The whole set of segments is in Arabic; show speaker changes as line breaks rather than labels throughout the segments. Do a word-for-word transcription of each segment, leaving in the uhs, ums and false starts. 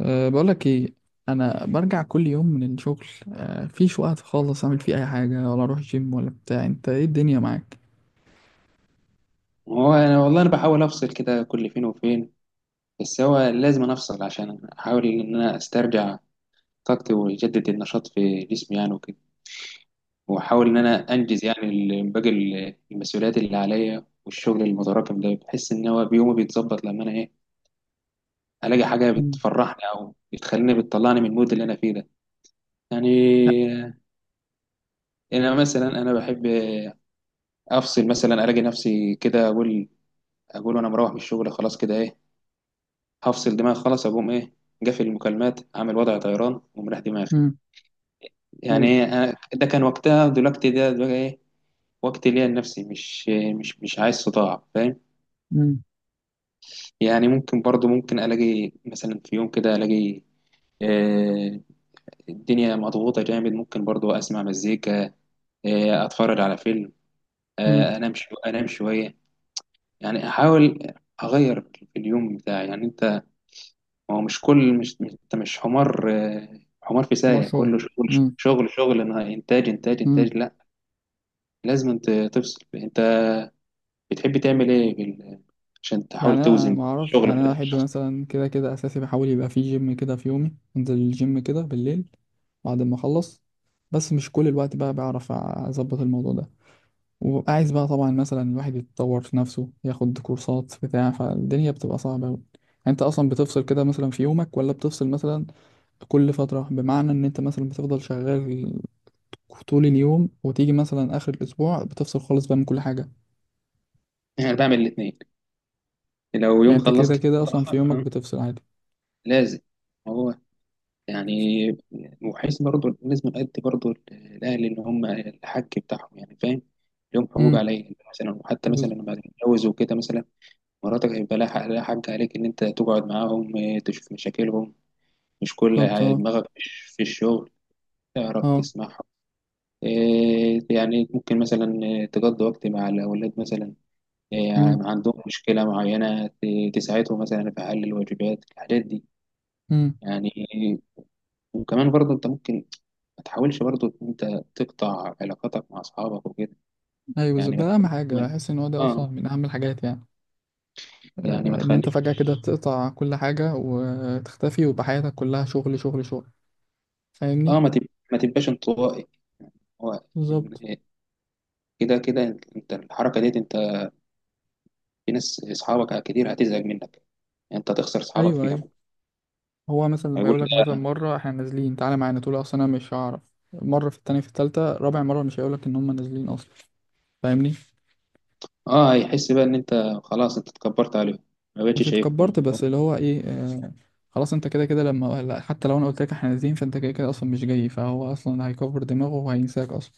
أه، بقولك ايه. انا برجع كل يوم من الشغل. أه، مفيش وقت خالص اعمل فيه اي حاجه، ولا اروح جيم ولا بتاع. انت ايه الدنيا معاك؟
هو انا والله انا بحاول افصل كده كل فين وفين. بس هو لازم أنا افصل عشان احاول ان انا استرجع طاقتي واجدد النشاط في جسمي يعني وكده، واحاول ان انا انجز يعني ال- باقي ال- المسؤوليات اللي عليا والشغل المتراكم ده. بحس ان هو بيومي بيتظبط لما انا ايه الاقي حاجه
مم.
بتفرحني او بتخليني بتطلعني من المود اللي انا فيه ده يعني. انا مثلا انا بحب افصل، مثلا الاقي نفسي كده اقول اقول وانا مروح من الشغل خلاص كده ايه هفصل دماغي خالص، اقوم ايه جافي المكالمات عامل وضع طيران ومريح دماغي
مم.
يعني.
ايوه.
إيه، أنا- ده كان وقتها. دلوقتي ده بقى ايه وقت ليا لنفسي. مش مش مش عايز صداع فاهم؟
مم.
يعني ممكن برضو ممكن الاقي مثلا في يوم كده الاقي آه، الدنيا مضغوطة جامد. ممكن برضو اسمع مزيكا، آه، اتفرج على فيلم،
مم.
آه، انام شو انام شوية يعني. احاول اغير في اليوم بتاعي يعني. ما هو مش كل مش مش- انت مش حمار، آه، حمار في
حمار
سايق
شغل.
كله شغل
مم.
شغل شغل، إنها انتاج انتاج
مم.
انتاج. لا، لازم انت تفصل. انت بتحب تعمل ايه بال... عشان تحاول
يعني انا
توزن
ما اعرفش،
الشغل في
يعني انا
حياتك
احب
الشخصية؟
مثلا كده كده اساسي بحاول يبقى في جيم كده في يومي، انزل الجيم كده بالليل بعد ما اخلص. بس مش كل الوقت بقى بعرف اظبط الموضوع ده. وعايز بقى طبعا مثلا الواحد يتطور في نفسه، ياخد كورسات بتاع، فالدنيا بتبقى صعبة أوي يعني. انت اصلا بتفصل كده مثلا في يومك، ولا بتفصل مثلا كل فترة؟ بمعنى ان انت مثلا بتفضل شغال طول اليوم وتيجي مثلا اخر الاسبوع بتفصل خالص بقى من كل حاجة؟
انا بعمل الاثنين. لو
يعني
يوم
انت كده
خلصت في
كده اصلا في يومك
متأخر
بتفصل عادي.
لازم هو يعني، وحيث برضه لازم نأدي برضه الأهل اللي هم الحق بتاعهم يعني فاهم. لهم حقوق
امم،
عليا مثلا، وحتى مثلا
بالظبط.
لما اتجوز وكده مثلا، مراتك هيبقى لها حق، لها حق عليك إن أنت تقعد معاهم، آه، تشوف مشاكلهم، مش كل آه،
اه.
دماغك مش في الشغل، تعرف
اه.
تسمعهم، آه، يعني ممكن مثلا آه، تقضي وقت مع الأولاد مثلا،
امم.
آه، عندهم مشكلة معينة ت- تساعدهم مثلا في حل الواجبات الحاجات دي
امم.
يعني. وكمان برضه أنت ممكن ما تحاولش برضه إن أنت تقطع علاقاتك مع أصحابك وكده.
ايوه بالظبط،
يعني ما
ده اهم
تخليش
حاجة.
ما-
احس ان هو ده اصلا
آه
من اهم الحاجات يعني.
يعني ما
آه، ان انت فجأة
تخليش
كده تقطع كل حاجة وتختفي ويبقى حياتك كلها شغل شغل شغل. فاهمني.
آه ما تب- ما تبقاش انطوائي. هو
بالظبط.
كده كده انت انت الحركه ديت انت، في ناس اصحابك كتير هتزعج منك، انت هتخسر اصحابك
ايوه
فيها.
ايوه. هو مثلا لما
هيقول
يقول لك مثلا
ده،
مره احنا نازلين تعالى معانا، تقول له اصل انا مش هعرف. مره، في التانية، في التالتة، رابع مره مش هيقول لك ان هم نازلين اصلا. فاهمني.
اه هيحس بقى ان انت خلاص انت اتكبرت عليهم، ما
مش
بقتش شايفهم.
اتكبرت، بس اللي هو ايه، آه. خلاص انت كده كده لما لا، حتى لو انا قلت لك احنا نازلين فانت كده كده اصلا مش جاي، فهو اصلا هيكبر دماغه وهينساك اصلا.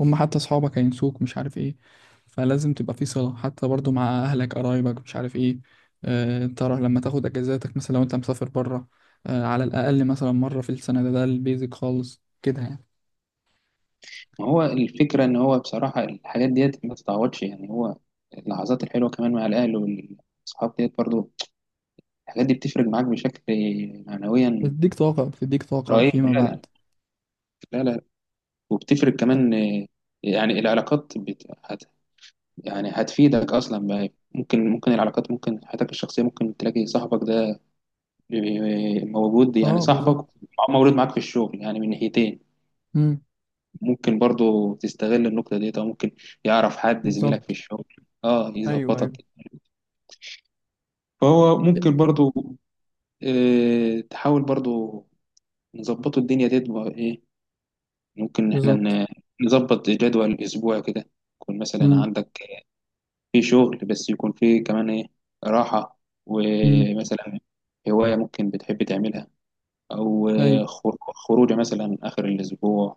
هم حتى اصحابك هينسوك، مش عارف ايه. فلازم تبقى في صلة حتى برضو مع اهلك قرايبك، مش عارف ايه. آه انت راه لما تاخد اجازاتك، مثلا لو انت مسافر بره. آه، على الاقل مثلا مرة في السنة، ده ده البيزك خالص كده يعني.
ما هو الفكره ان هو بصراحه الحاجات ديت ما تتعوضش يعني هو، اللحظات الحلوه كمان مع الاهل والاصحاب ديت برضو، الحاجات دي بتفرق معاك بشكل معنويا
بتديك طاقة، بتديك طاقة
رهيب.
فيما
لا لا،
بعد.
لا لا. وبتفرق كمان آه، يعني العلاقات بت... هت... يعني هتفيدك اصلا. ممكن ممكن العلاقات، ممكن حياتك الشخصيه، ممكن تلاقي صاحبك ده موجود يعني،
اه بالظبط.
صاحبك مولود معاك في الشغل يعني من ناحيتين.
امم،
ممكن برضو تستغل النقطه ديت، او ممكن يعرف حد زميلك في
بالظبط.
الشغل اه
ايوه ايوه.
يظبطك. فهو ممكن برضو آه تحاول برضو نظبطوا الدنيا ديت بقى ايه. ممكن إن احنا
بالظبط.
ن- نظبط جدول اسبوع كده، يكون مثلا
امم.
عندك في شغل بس يكون فيه كمان ايه راحة،
امم.
ومثلا هواية ممكن بتحب تعملها، أو
ايوه.
آه، خر- خروجة مثلا آخر الأسبوع،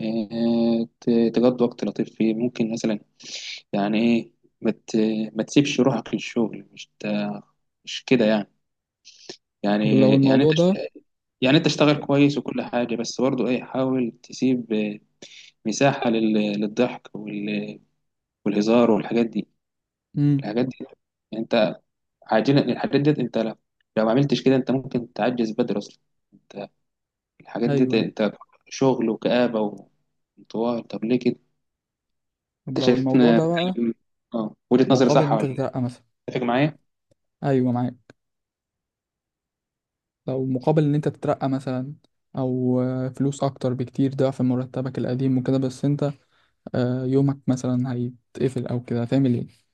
آه، ت- تقضي وقت لطيف فيه. ممكن مثلا يعني ايه ما مت... ما تسيبش روحك للشغل. مش ت- مش كده يعني.
طب لو
يعني يعني انت
الموضوع ده.
يعني انت اشتغل كويس وكل حاجة، بس برضه ايه حاول تسيب آه، مساحة لل... للضحك وال... والهزار والحاجات دي
امم.
الحاجات دي عاجلا الحاجات ديت انت لو، لو ما عملتش كده انت ممكن تعجز بدري اصلا انت. الحاجات ديت
ايوه ايوه.
انت شغل وكآبة وانطوائي، طب ليه كده
طب
انت
لو الموضوع
شايفنا؟
ده بقى
اه وجهة نظري
مقابل ان
صح
انت
ولا لا؟
تترقى مثلا.
اتفق معايا.
ايوه معاك. لو مقابل ان انت تترقى مثلا او آه، فلوس اكتر بكتير ضعف مرتبك القديم وكده، بس انت آه، يومك مثلا هيتقفل او كده هتعمل ايه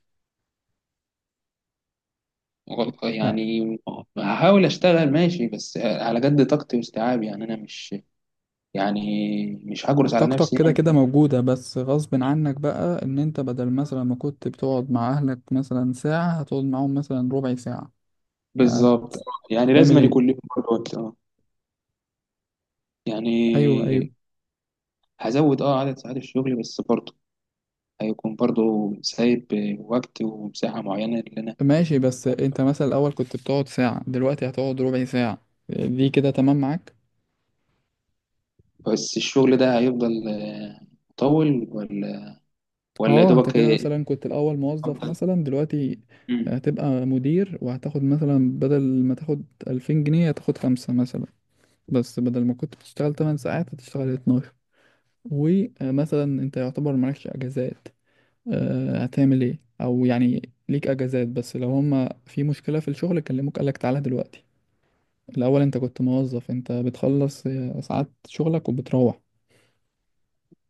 غلط
يعني؟
يعني؟ هحاول اشتغل ماشي بس على قد طاقتي واستيعابي يعني انا مش يعني، مش هجرس على
طاقتك
نفسي
كده
يعني.
كده موجودة بس غصب عنك بقى، ان انت بدل مثلا ما كنت بتقعد مع اهلك مثلا ساعة هتقعد معاهم مثلا ربع ساعة.
بالظبط. يعني لازم
هتعمل
أن
ايه؟
يكون لي برضه وقت اه
ايوه
يعني.
ايوه.
هزود اه عدد ساعات الشغل بس برضه هيكون برضو سايب وقت ومساحة معينة اللي أنا.
ماشي، بس انت مثلا الاول كنت بتقعد ساعة دلوقتي هتقعد ربع ساعة. دي كده تمام معاك.
بس الشغل ده هيفضل آه، مطول ولا ولا يا
اه، انت
دوبك؟
كده مثلا كنت الاول موظف،
أفضل.
مثلا دلوقتي
مم.
هتبقى مدير وهتاخد مثلا بدل ما تاخد ألفين جنيه هتاخد خمسة مثلا. بس بدل ما كنت بتشتغل ثماني ساعات هتشتغل اتناشر. ومثلا انت يعتبر مالكش اجازات. اه، هتعمل ايه؟ او يعني ليك اجازات بس لو هما في مشكلة في الشغل كلموك قالك تعالى دلوقتي. الاول انت كنت موظف، انت بتخلص آه، ساعات شغلك وبتروح.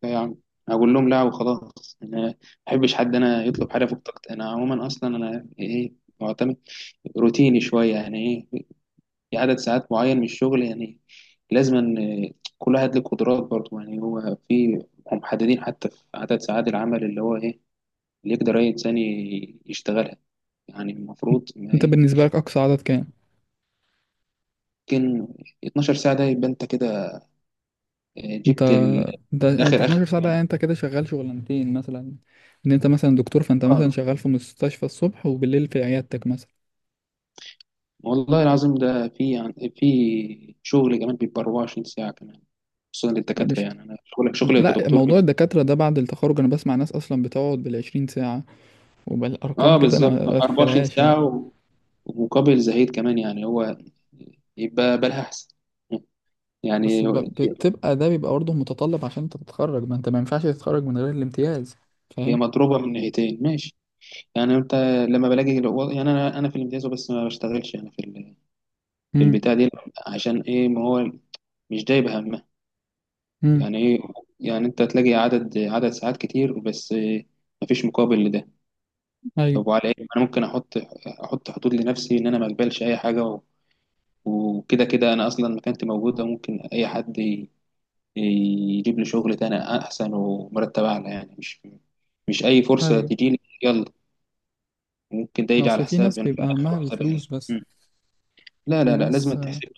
يعني هقول لهم لا وخلاص، أنا ما بحبش حد أنا يطلب حاجة فوق طاقتي. أنا عموما أصلا أنا إيه معتمد روتيني شوية يعني. إيه، في عدد ساعات معين من الشغل يعني، لازم أن آه، كل واحد له قدرات برضو يعني. هو في هم محددين حتى في عدد ساعات العمل اللي هو إيه اللي يقدر أي إنسان يشتغلها. يعني المفروض
انت
ما
بالنسبه لك اقصى عدد كام؟
يمكن اتناشر ساعة، ده يبقى أنت كده آه،
انت
جبت ال-
انت
جبت
انت
آخر آخر
اتناشر ساعه ده
يعني.
يعني انت كده شغال شغلانتين مثلا. ان انت مثلا دكتور، فانت مثلا
آه
شغال في مستشفى الصبح وبالليل في عيادتك مثلا.
والله العظيم ده في يعني في شغل كمان بيبقى اربعة وعشرون ساعة كمان، خصوصا للدكاترة
مش
يعني. أنا شغلك شغلي
لا،
كدكتور
موضوع
بيبقى-
الدكاتره ده بعد التخرج انا بسمع ناس اصلا بتقعد بالعشرين ساعه. وبالارقام
آه
كده انا
بالظبط
ما
أربعة وعشرين
اتخيلهاش يعني.
ساعة، و- ومقابل زهيد كمان يعني هو. يبقى بالها أحسن يعني.
بس ب... بتبقى ده بيبقى برضه متطلب عشان انت تتخرج، ما انت ما ينفعش تتخرج من غير الامتياز.
هي
فاهم.
مضروبة من ناحيتين ماشي، يعني أنت لما بلاقي الو- يعني أنا أنا في الامتياز بس ما بشتغلش يعني
امم.
البتاع دي. عشان ايه؟ ما هو مش جايب همه
امم.
يعني ايه. يعني انت تلاقي عدد عدد ساعات كتير بس مفيش مقابل لده.
ايوه
طب وعلى ايه انا ممكن احط احط حدود لنفسي ان انا ما اقبلش اي حاجه و- وكده كده انا اصلا مكانتي موجوده، ممكن اي حد ي- يجيب لي شغل تاني احسن ومرتب اعلى يعني. مش مش اي فرصه
ايوه.
تجي لي يلا، ممكن ده يجي على
اصل في ناس
حسابي انا في
بيبقى
الاخر
همها
وحسابي أنا.
الفلوس بس.
مم. لا
في
لا لا لازم
ناس.
تحسب.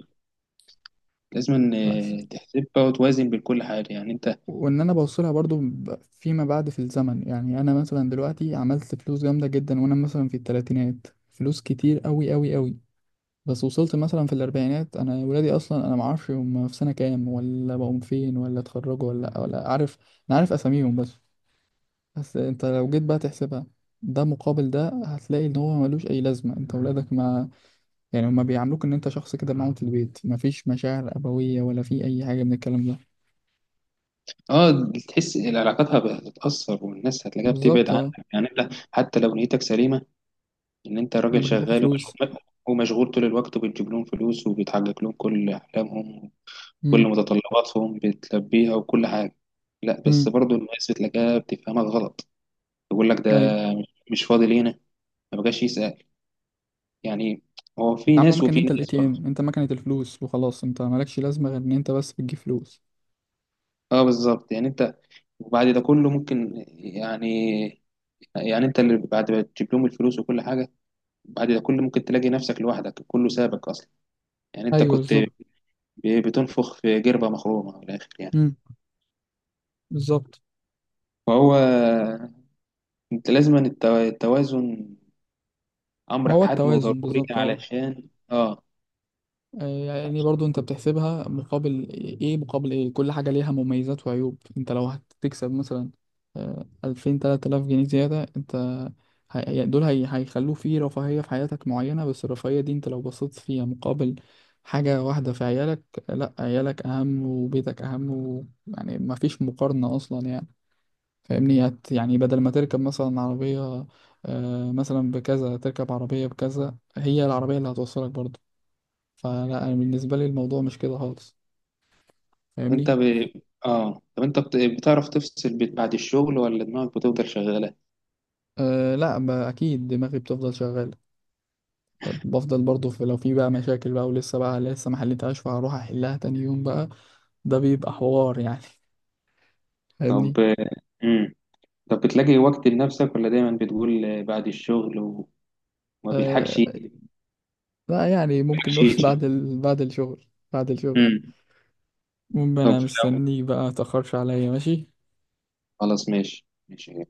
لازم
بس
تحسبها وتوازن بين كل حاجه يعني انت.
وان انا بوصلها برضو ب- فيما بعد في الزمن، يعني انا مثلا دلوقتي عملت فلوس جامده جدا وانا مثلا في الثلاثينات، فلوس كتير قوي قوي قوي. بس وصلت مثلا في الاربعينات، انا ولادي اصلا انا ما اعرفش هم في سنه كام ولا بقوا فين ولا اتخرجوا ولا ولا عارف. انا عارف اساميهم بس. بس انت لو جيت بقى تحسبها ده مقابل ده هتلاقي ان هو ملوش اي لازمه، انت ولادك ما. يعني هما بيعاملوك ان انت شخص كده معاهم في البيت مفيش مشاعر ابويه ولا في اي حاجه من الكلام ده.
اه تحس العلاقات هتتأثر والناس هتلاقيها بتبعد
بالظبط اه.
عنك يعني، انت حتى لو نيتك سليمة ان انت
انا
راجل
بجيب لكم
شغال
فلوس.
ومشغول، ومشغول طول الوقت وبتجيب لهم فلوس وبتحقق لهم كل احلامهم وكل
مم.
متطلباتهم بتلبيها وكل حاجة. لا بس
امم.
برضو الناس بتلاقيها بتفهمك غلط، يقول لك ده
ايوه.
مش فاضي لينا، ما بقاش يسأل يعني. هو في
اتعاملوا
ناس
مكان
وفي
انت الاي
ناس
تي
برضه.
ام، انت مكنه الفلوس وخلاص، انت مالكش لازمه غير ان انت بس بتجيب فلوس.
اه بالظبط يعني انت، وبعد ده كله ممكن يعني، يعني انت اللي بعد ما تجيب لهم الفلوس وكل حاجة، بعد كل ممكن تلاقي نفسك لوحدك كله سابك اصلا. يعني انت
ايوه
كنت
بالظبط.
ب- بتنفخ في جربة مخرومة من الاخر يعني.
امم. بالظبط.
فهو انت لازم أن التو- التوازن
ما
امر
هو
حتمي
التوازن
وضروري
بالظبط اه.
علشان اه.
يعني برضو انت بتحسبها مقابل ايه؟ مقابل ايه؟ كل حاجة ليها مميزات وعيوب. انت لو هتكسب مثلا آه، ألفين تلات آلاف جنيه زيادة، انت هي- يعني دول هي- هيخلوه في رفاهية في حياتك معينة، بس الرفاهية دي انت لو بصيت فيها مقابل حاجة واحدة في عيالك. لا، عيالك أهم وبيتك أهم و... يعني مفيش مقارنة أصلا يعني. فاهمني. هت- يعني بدل ما تركب مثلا عربية آه، مثلا بكذا تركب عربية بكذا، هي العربية اللي هتوصلك برضه. فلا انا بالنسبه لي الموضوع مش كده خالص.
انت
فاهمني.
ب... اه طب انت بت- بتعرف تفصل بت- بعد الشغل ولا دماغك بتفضل شغالة؟
أه لا، ب- اكيد دماغي بتفضل شغاله. بفضل برضه في، لو في بقى مشاكل بقى ولسه بقى لسه ما حلتهاش فهروح احلها تاني يوم بقى. ده بيبقى حوار يعني
طب.
فاهمني.
امم. طب بتلاقي وقت لنفسك ولا دايما بتقول بعد الشغل وما بيلحقش؟ ما
أه لا يعني، ممكن
بيلحقش
نقول
يجي؟
بعد ال... بعد الشغل. بعد الشغل.
امم.
المهم
طب
انا
لو،
مستنيك بقى، متأخرش عليا ماشي.
خلاص ماشي ماشي.